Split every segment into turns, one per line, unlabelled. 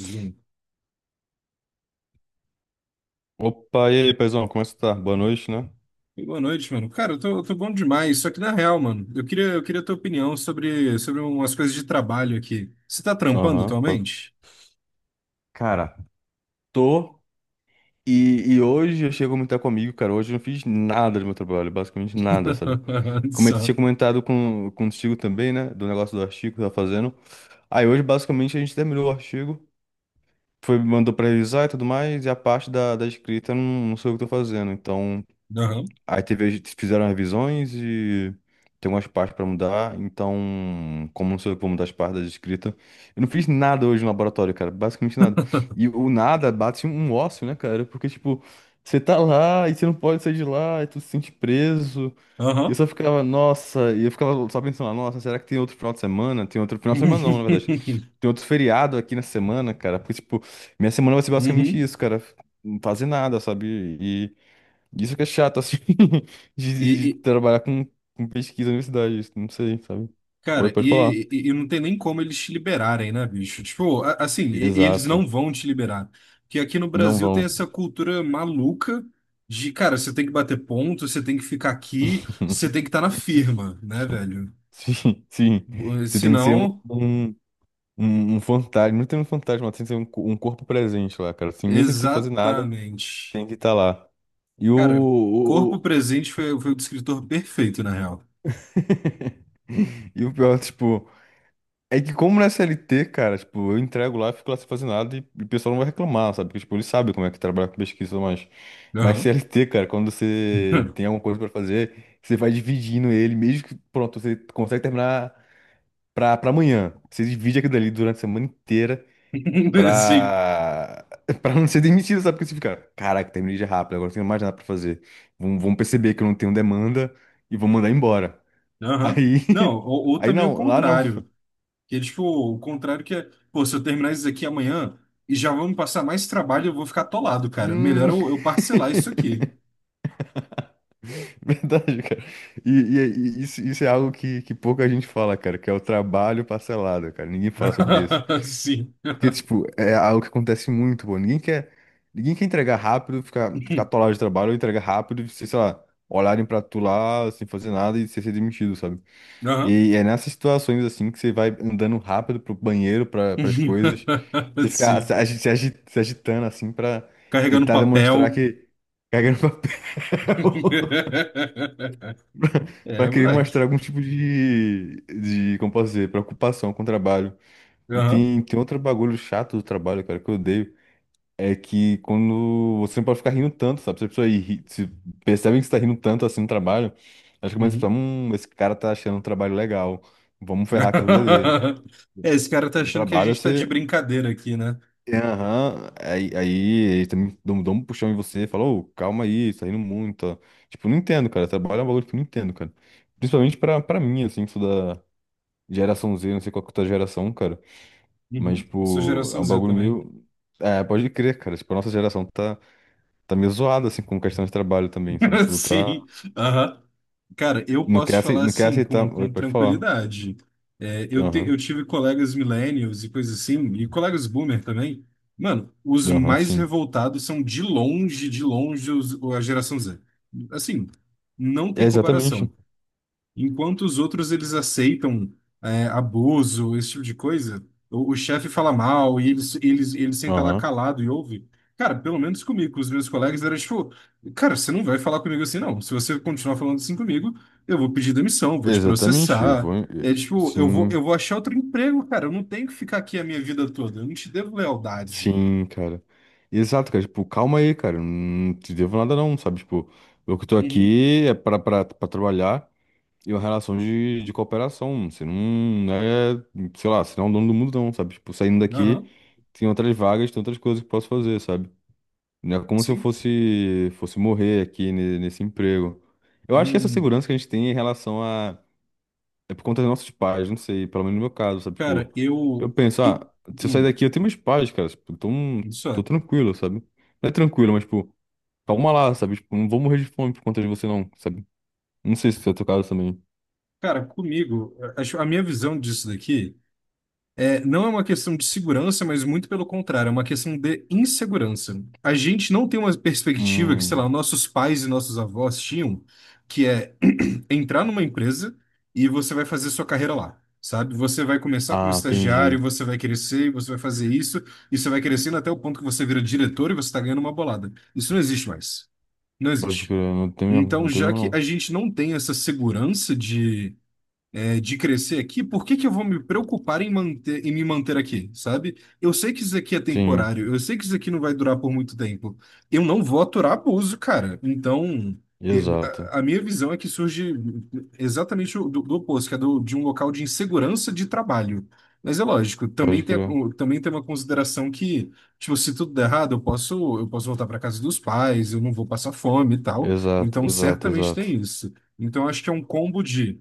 Zoom.
Opa, e aí, paizão, como é que você tá? Boa noite, né?
Boa noite, mano. Cara, eu tô bom demais. Só que na real, mano, eu queria tua opinião sobre umas coisas de trabalho aqui. Você tá trampando
Aham, pô.
atualmente?
Cara, tô. E hoje eu chego a comentar comigo, cara. Hoje eu não fiz nada do meu trabalho, basicamente nada, sabe? Como eu tinha
Só.
comentado contigo também, né? Do negócio do artigo que eu tava fazendo. Aí hoje, basicamente, a gente terminou o artigo, foi, mandou pra revisar e tudo mais, e a parte da escrita eu não sei o que eu tô fazendo. Então.
Aham.
Aí teve, eles fizeram revisões e tem umas partes pra mudar, então, como não sou eu que vou mudar as partes da escrita, eu não fiz nada hoje no laboratório, cara, basicamente nada. E o nada bate um ócio, né, cara? Porque, tipo, você tá lá e você não pode sair de lá, e tu se sente preso. E eu
Aham.
só ficava, nossa, e eu ficava só pensando, nossa, será que tem outro final de semana? Tem outro final de semana, não, na verdade. Tem outro feriado aqui na semana, cara, porque, tipo, minha semana vai ser basicamente
Uhum.
isso, cara, não fazer nada, sabe? Isso que é chato, assim,
E,
de
e,
trabalhar com pesquisa na universidade, isso, não sei, sabe? Oi,
cara,
pode falar.
e, e, e não tem nem como eles te liberarem, né, bicho? Tipo, assim, eles não
Exato.
vão te liberar. Porque aqui no
Não
Brasil tem
vão.
essa cultura maluca de, cara, você tem que bater ponto, você tem que ficar aqui, você tem que estar na firma, né, velho?
Sim, sim. Você
Se
tem que ser
não,
um, um fantasma. Não tem um fantasma, tem que ser um corpo presente lá, cara. Assim, mesmo sem ter que fazer nada,
exatamente.
tem que estar lá. E o,
Cara,
o-
corpo
o-
presente foi o descritor perfeito, na real.
E o pior, tipo. É que como na CLT, cara, tipo, eu entrego lá, fico lá sem fazer nada e o pessoal não vai reclamar, sabe? Porque, tipo, eles sabem como é que trabalha com pesquisa, mas... Mas
Aham.
CLT, cara, quando você tem alguma coisa pra fazer, você vai dividindo ele, mesmo que, pronto, você consegue terminar pra amanhã. Você divide aquilo dali durante a semana inteira
Sim.
pra... pra não ser demitido, sabe? Porque você fica, caraca, terminei já rápido, agora não tenho mais nada pra fazer. Vão perceber que eu não tenho demanda e vão mandar embora.
Aham.
Aí...
Não, ou
Aí
também o
não, lá não.
contrário. Que é tipo, o contrário que é, pô, se eu terminar isso aqui amanhã e já vão me passar mais trabalho, eu vou ficar atolado, cara. Melhor
Hum,
eu parcelar isso aqui.
Verdade, cara. E isso é algo que pouca gente fala, cara, que é o trabalho parcelado, cara. Ninguém fala sobre isso.
Sim.
Porque, tipo, é algo que acontece muito, pô. Ninguém quer entregar rápido, ficar atolado de trabalho, ou entregar rápido, e você, sei lá, olharem pra tu lá sem fazer nada e você ser demitido, sabe? E
Aham.
aí é nessas situações, assim, que você vai andando rápido pro banheiro, pras coisas, você fica
Sim.
se agitando, assim, pra
Carregando
tentar demonstrar
papel.
que cagando papel. Para
É,
querer mostrar
moleque.
algum tipo de, como posso dizer, preocupação com o trabalho. E tem outro bagulho chato do trabalho, cara, que eu odeio, é que quando você não pode ficar rindo tanto, sabe? Se a pessoa ri, se percebem que você tá rindo tanto assim no trabalho, acho que começa a pensar,
Uhum.
esse cara tá achando um trabalho legal, vamos ferrar com a vida dele, cara.
É, esse cara tá
No
achando que a
trabalho
gente tá de
você.
brincadeira aqui, né?
É, aham, aí eles também dão um puxão em você e falam, ô, calma aí, você tá rindo muito, ó. Tipo, não entendo, cara. Trabalho é um bagulho que eu não entendo, cara. Principalmente pra mim, assim, que sou da Geração Z, não sei qual que é a tua geração, cara. Mas,
Uhum. Sou
tipo, é
geração
um
Z
bagulho
também.
meio. É, pode crer, cara. Tipo, a nossa geração tá meio zoada, assim, com questão de trabalho também, sabe? Tipo, tá.
Sim. Aham. Cara, eu
Não
posso
quer
te
aceitar.
falar
Não quer
assim, com,
aceitar. Oi,
com
pode falar.
tranquilidade. É,
Aham.
eu tive colegas millennials e coisas assim, e colegas boomer também. Mano, os
Aham,
mais
sim.
revoltados são de longe os, a geração Z. Assim, não
É
tem
exatamente.
comparação. Enquanto os outros eles aceitam é, abuso, esse tipo de coisa, o chefe fala mal e ele senta lá
Aham.
calado e ouve. Cara, pelo menos comigo, com os meus colegas era tipo, cara, você não vai falar comigo assim não. Se você continuar falando assim comigo, eu vou pedir demissão, vou te
Exatamente. Eu vou.
processar. É tipo, eu vou eu
Sim.
vou achar outro emprego, cara. Eu não tenho que ficar aqui a minha vida toda. Eu não te devo lealdade.
Sim, cara. Exato, cara. Tipo, calma aí, cara. Não te devo nada, não, sabe? Tipo, eu que tô
Uhum.
aqui é pra trabalhar. E uma relação de cooperação. Você não é, sei lá, você não é o dono do mundo, não, sabe? Tipo, saindo daqui,
Aham.
tem outras vagas, tem outras coisas que posso fazer, sabe? Não é como se eu
Sim.
fosse morrer aqui nesse emprego. Eu acho que essa
Hum.
segurança que a gente tem em relação a. É por conta dos nossos pais, não sei, pelo menos no meu caso, sabe?
Cara,
Tipo, eu
eu
penso,
e-
ah, se eu sair
hum,
daqui, eu tenho meus pais, cara. Tipo, então,
isso
tô
é.
tranquilo, sabe? Não é tranquilo, mas, tipo, calma lá, sabe? Tipo, não vou morrer de fome por conta de você, não, sabe? Não sei se é o teu caso também.
Cara, comigo, acho, a minha visão disso daqui é, não é uma questão de segurança, mas muito pelo contrário, é uma questão de insegurança. A gente não tem uma perspectiva que, sei lá,
Hum.
nossos pais e nossos avós tinham, que é entrar numa empresa e você vai fazer sua carreira lá, sabe? Você vai começar como
Ah,
estagiário,
entendi.
você vai crescer, você vai fazer isso, e você vai crescendo até o ponto que você vira diretor e você está ganhando uma bolada. Isso não existe mais. Não
Pode
existe.
crer, não tem mesmo,
Então,
não tem
já
mesmo
que
não.
a gente não tem essa segurança de é, de crescer aqui, por que que eu vou me preocupar em manter, em me manter aqui, sabe? Eu sei que isso aqui é
Sim,
temporário, eu sei que isso aqui não vai durar por muito tempo. Eu não vou aturar abuso, cara. Então, e-
exato.
a minha visão é que surge exatamente do, do oposto, que é do, de um local de insegurança de trabalho. Mas é lógico, também
Pode
tem,
crer.
também tem uma consideração que, tipo, se tudo der errado, eu posso voltar para casa dos pais, eu não vou passar fome e tal.
Exato,
Então,
exato,
certamente tem
exato.
isso. Então, acho que é um combo de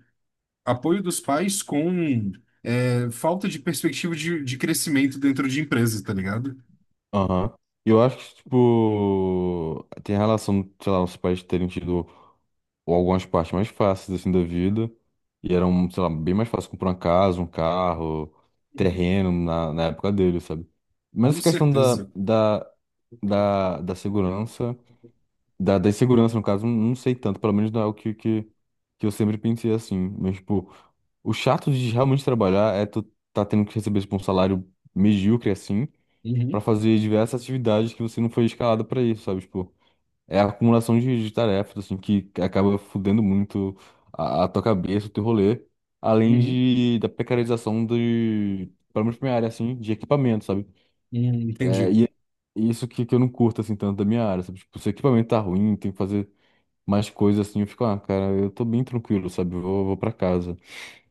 apoio dos pais com é, falta de perspectiva de crescimento dentro de empresas, tá ligado?
Aham. Eu acho que, tipo, tem relação, sei lá, os pais terem tido algumas partes mais fáceis, assim, da vida. E eram, sei lá, bem mais fácil comprar uma casa, um carro,
Uhum.
terreno na época dele, sabe? Mas
Com
essa questão
certeza.
da segurança. Da insegurança, no caso, não sei tanto, pelo menos não é o que eu sempre pensei assim. Mas, tipo, o chato de realmente trabalhar é tu tá tendo que receber, tipo, um salário medíocre, assim, pra
Uhum,
fazer diversas atividades que você não foi escalado pra isso, sabe? Tipo, é a acumulação de tarefas, assim, que acaba fudendo muito a tua cabeça, o teu rolê, além
uhum,
da precarização de, pelo menos pra minha área, assim, de equipamento, sabe?
uhum,
É,
entendi.
e isso que eu não curto, assim, tanto da minha área, sabe? Tipo, se o equipamento tá ruim, tem que fazer mais coisas assim, eu fico, ah, cara, eu tô bem tranquilo, sabe? Eu vou pra casa.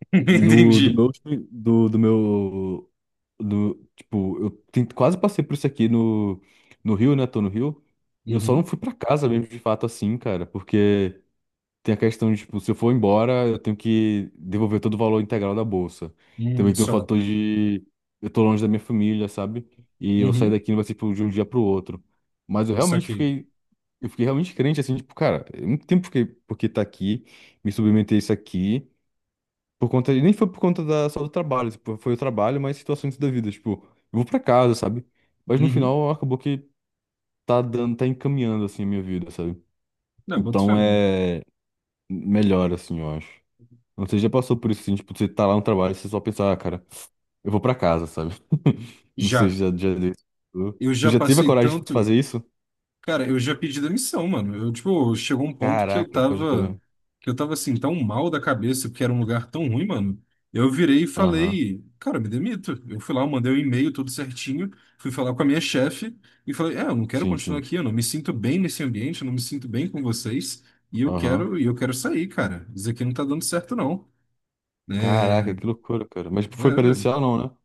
Do, do meu,
Entendi.
último- do, do meu, do, tipo, eu quase passei por isso aqui no Rio, né? Tô no Rio. Eu só não
Uhum,
fui pra casa mesmo, de fato, assim, cara, porque tem a questão de, tipo, se eu for embora, eu tenho que devolver todo o valor integral da bolsa.
uhum,
Também tem o
só.
fator de eu tô longe da minha família, sabe? E eu sair
Uhum,
daqui não vai ser tipo, de um dia pro outro. Mas eu realmente
saquei.
fiquei. Eu fiquei realmente crente, assim, tipo, cara, eu não tem por que tá aqui, me submeter a isso aqui, por conta, nem foi por conta da, só do trabalho, tipo, foi o trabalho, mas situações da vida, tipo, eu vou pra casa, sabe? Mas no
Uhum.
final acabou que tá dando, tá encaminhando, assim, a minha vida, sabe?
Não, boto fé,
Então
mano.
é melhor, assim, eu acho. Não sei, já passou por isso, assim, tipo, você tá lá no trabalho, você só pensa, ah, cara, eu vou pra casa, sabe? Não sei,
Já.
já deu.
Eu
Tu
já
já teve a
passei
coragem de
tanto.
fazer isso?
Cara, eu já pedi demissão, mano. Eu, tipo, chegou um ponto que eu
Caraca, pode
tava,
crer.
que eu tava assim, tão mal da cabeça, porque era um lugar tão ruim, mano. Eu virei e
Aham,
falei, cara, me demito. Eu fui lá, eu mandei um e-mail tudo certinho, fui falar com a minha chefe e falei, é, eu não quero continuar
sim.
aqui, eu não me sinto bem nesse ambiente, eu não me sinto bem com vocês, e eu
Aham.
quero, e eu quero sair, cara. Isso aqui não tá dando certo, não.
Caraca,
É,
que loucura, cara. Mas foi
velho.
presencial, não, né?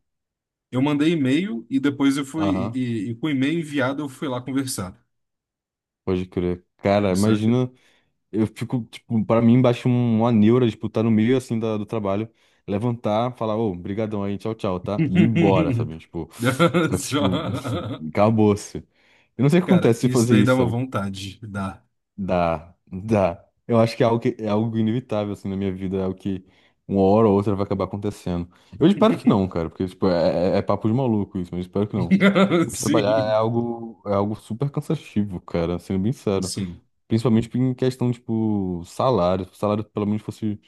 Eu mandei e-mail e depois
Aham,
e com o e-mail enviado eu fui lá conversar,
pode crer. Cara,
saca?
imagina, eu fico, tipo, pra mim, baixa um, uma neura, tipo, tá no meio, assim, do trabalho, levantar, falar, ô, brigadão aí, tchau, tchau, tá? E ir embora, sabe? Tipo, só que, tipo,
Só-
acabou-se. Eu não sei o que
Cara,
acontece se
isso
fazer
daí dá
isso,
uma
sabe?
vontade. Dá.
Dá, dá. Eu acho que, é algo inevitável, assim, na minha vida, é algo que uma hora ou outra vai acabar acontecendo. Eu espero que não, cara, porque, tipo, é papo de maluco isso, mas eu espero que não. Mas trabalhar
Sim,
é algo super cansativo, cara, sendo bem sério.
sim.
Principalmente em questão, tipo, salário. Se o salário pelo menos fosse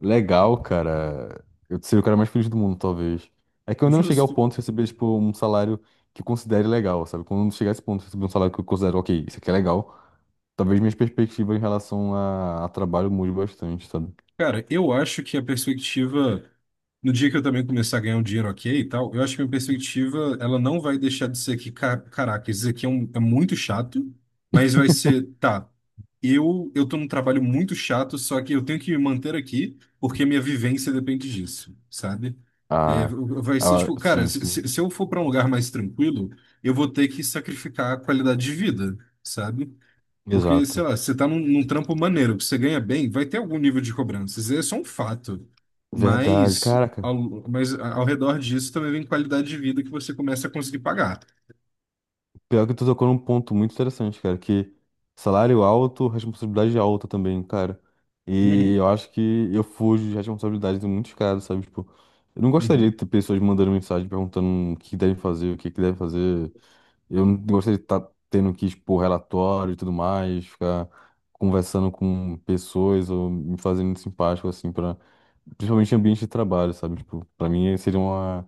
legal, cara, eu seria o cara mais feliz do mundo, talvez. É que eu ainda não cheguei ao
Justo.
ponto de receber, tipo, um salário que eu considere legal, sabe? Quando eu chegar a esse ponto de receber um salário que eu considero, ok, isso aqui é legal, talvez minhas perspectivas em relação a trabalho mude bastante, sabe?
Cara, eu acho que a perspectiva, no dia que eu também começar a ganhar um dinheiro ok e tal, eu acho que a minha perspectiva, ela não vai deixar de ser que, caraca, isso aqui é, é muito chato, mas vai ser, tá, eu tô num trabalho muito chato, só que eu tenho que me manter aqui, porque minha vivência depende disso, sabe? É,
A,
vai ser tipo, cara,
sim,
se,
sim.
se se eu for para um lugar mais tranquilo, eu vou ter que sacrificar a qualidade de vida, sabe? Porque, sei
Exato.
lá, você tá num trampo maneiro, que você ganha bem, vai ter algum nível de cobrança. Isso é só um fato.
Verdade,
Mas
caraca.
ao, mas ao redor disso também vem qualidade de vida que você começa a conseguir pagar.
Pior que tu tocou num ponto muito interessante, cara, que salário alto, responsabilidade alta também, cara. E
Uhum,
eu acho que eu fujo de responsabilidades em muitos casos, sabe? Tipo, eu não gostaria
uhum.
de ter pessoas mandando mensagem perguntando o que devem fazer, o que que devem fazer. Eu não gostaria de estar tendo que expor relatório e tudo mais, ficar conversando com pessoas ou me fazendo simpático, assim, pra, principalmente em ambiente de trabalho, sabe? Tipo, pra mim seria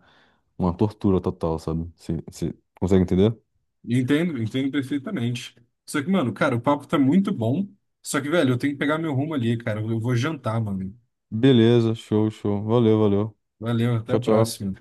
uma tortura total, sabe? Você consegue entender?
Entendo, entendo perfeitamente. Só que, mano, cara, o papo tá muito bom. Só que, velho, eu tenho que pegar meu rumo ali, cara. Eu vou jantar, mano.
Beleza, show, show. Valeu, valeu.
Valeu, até a
Tchau, tchau.
próxima.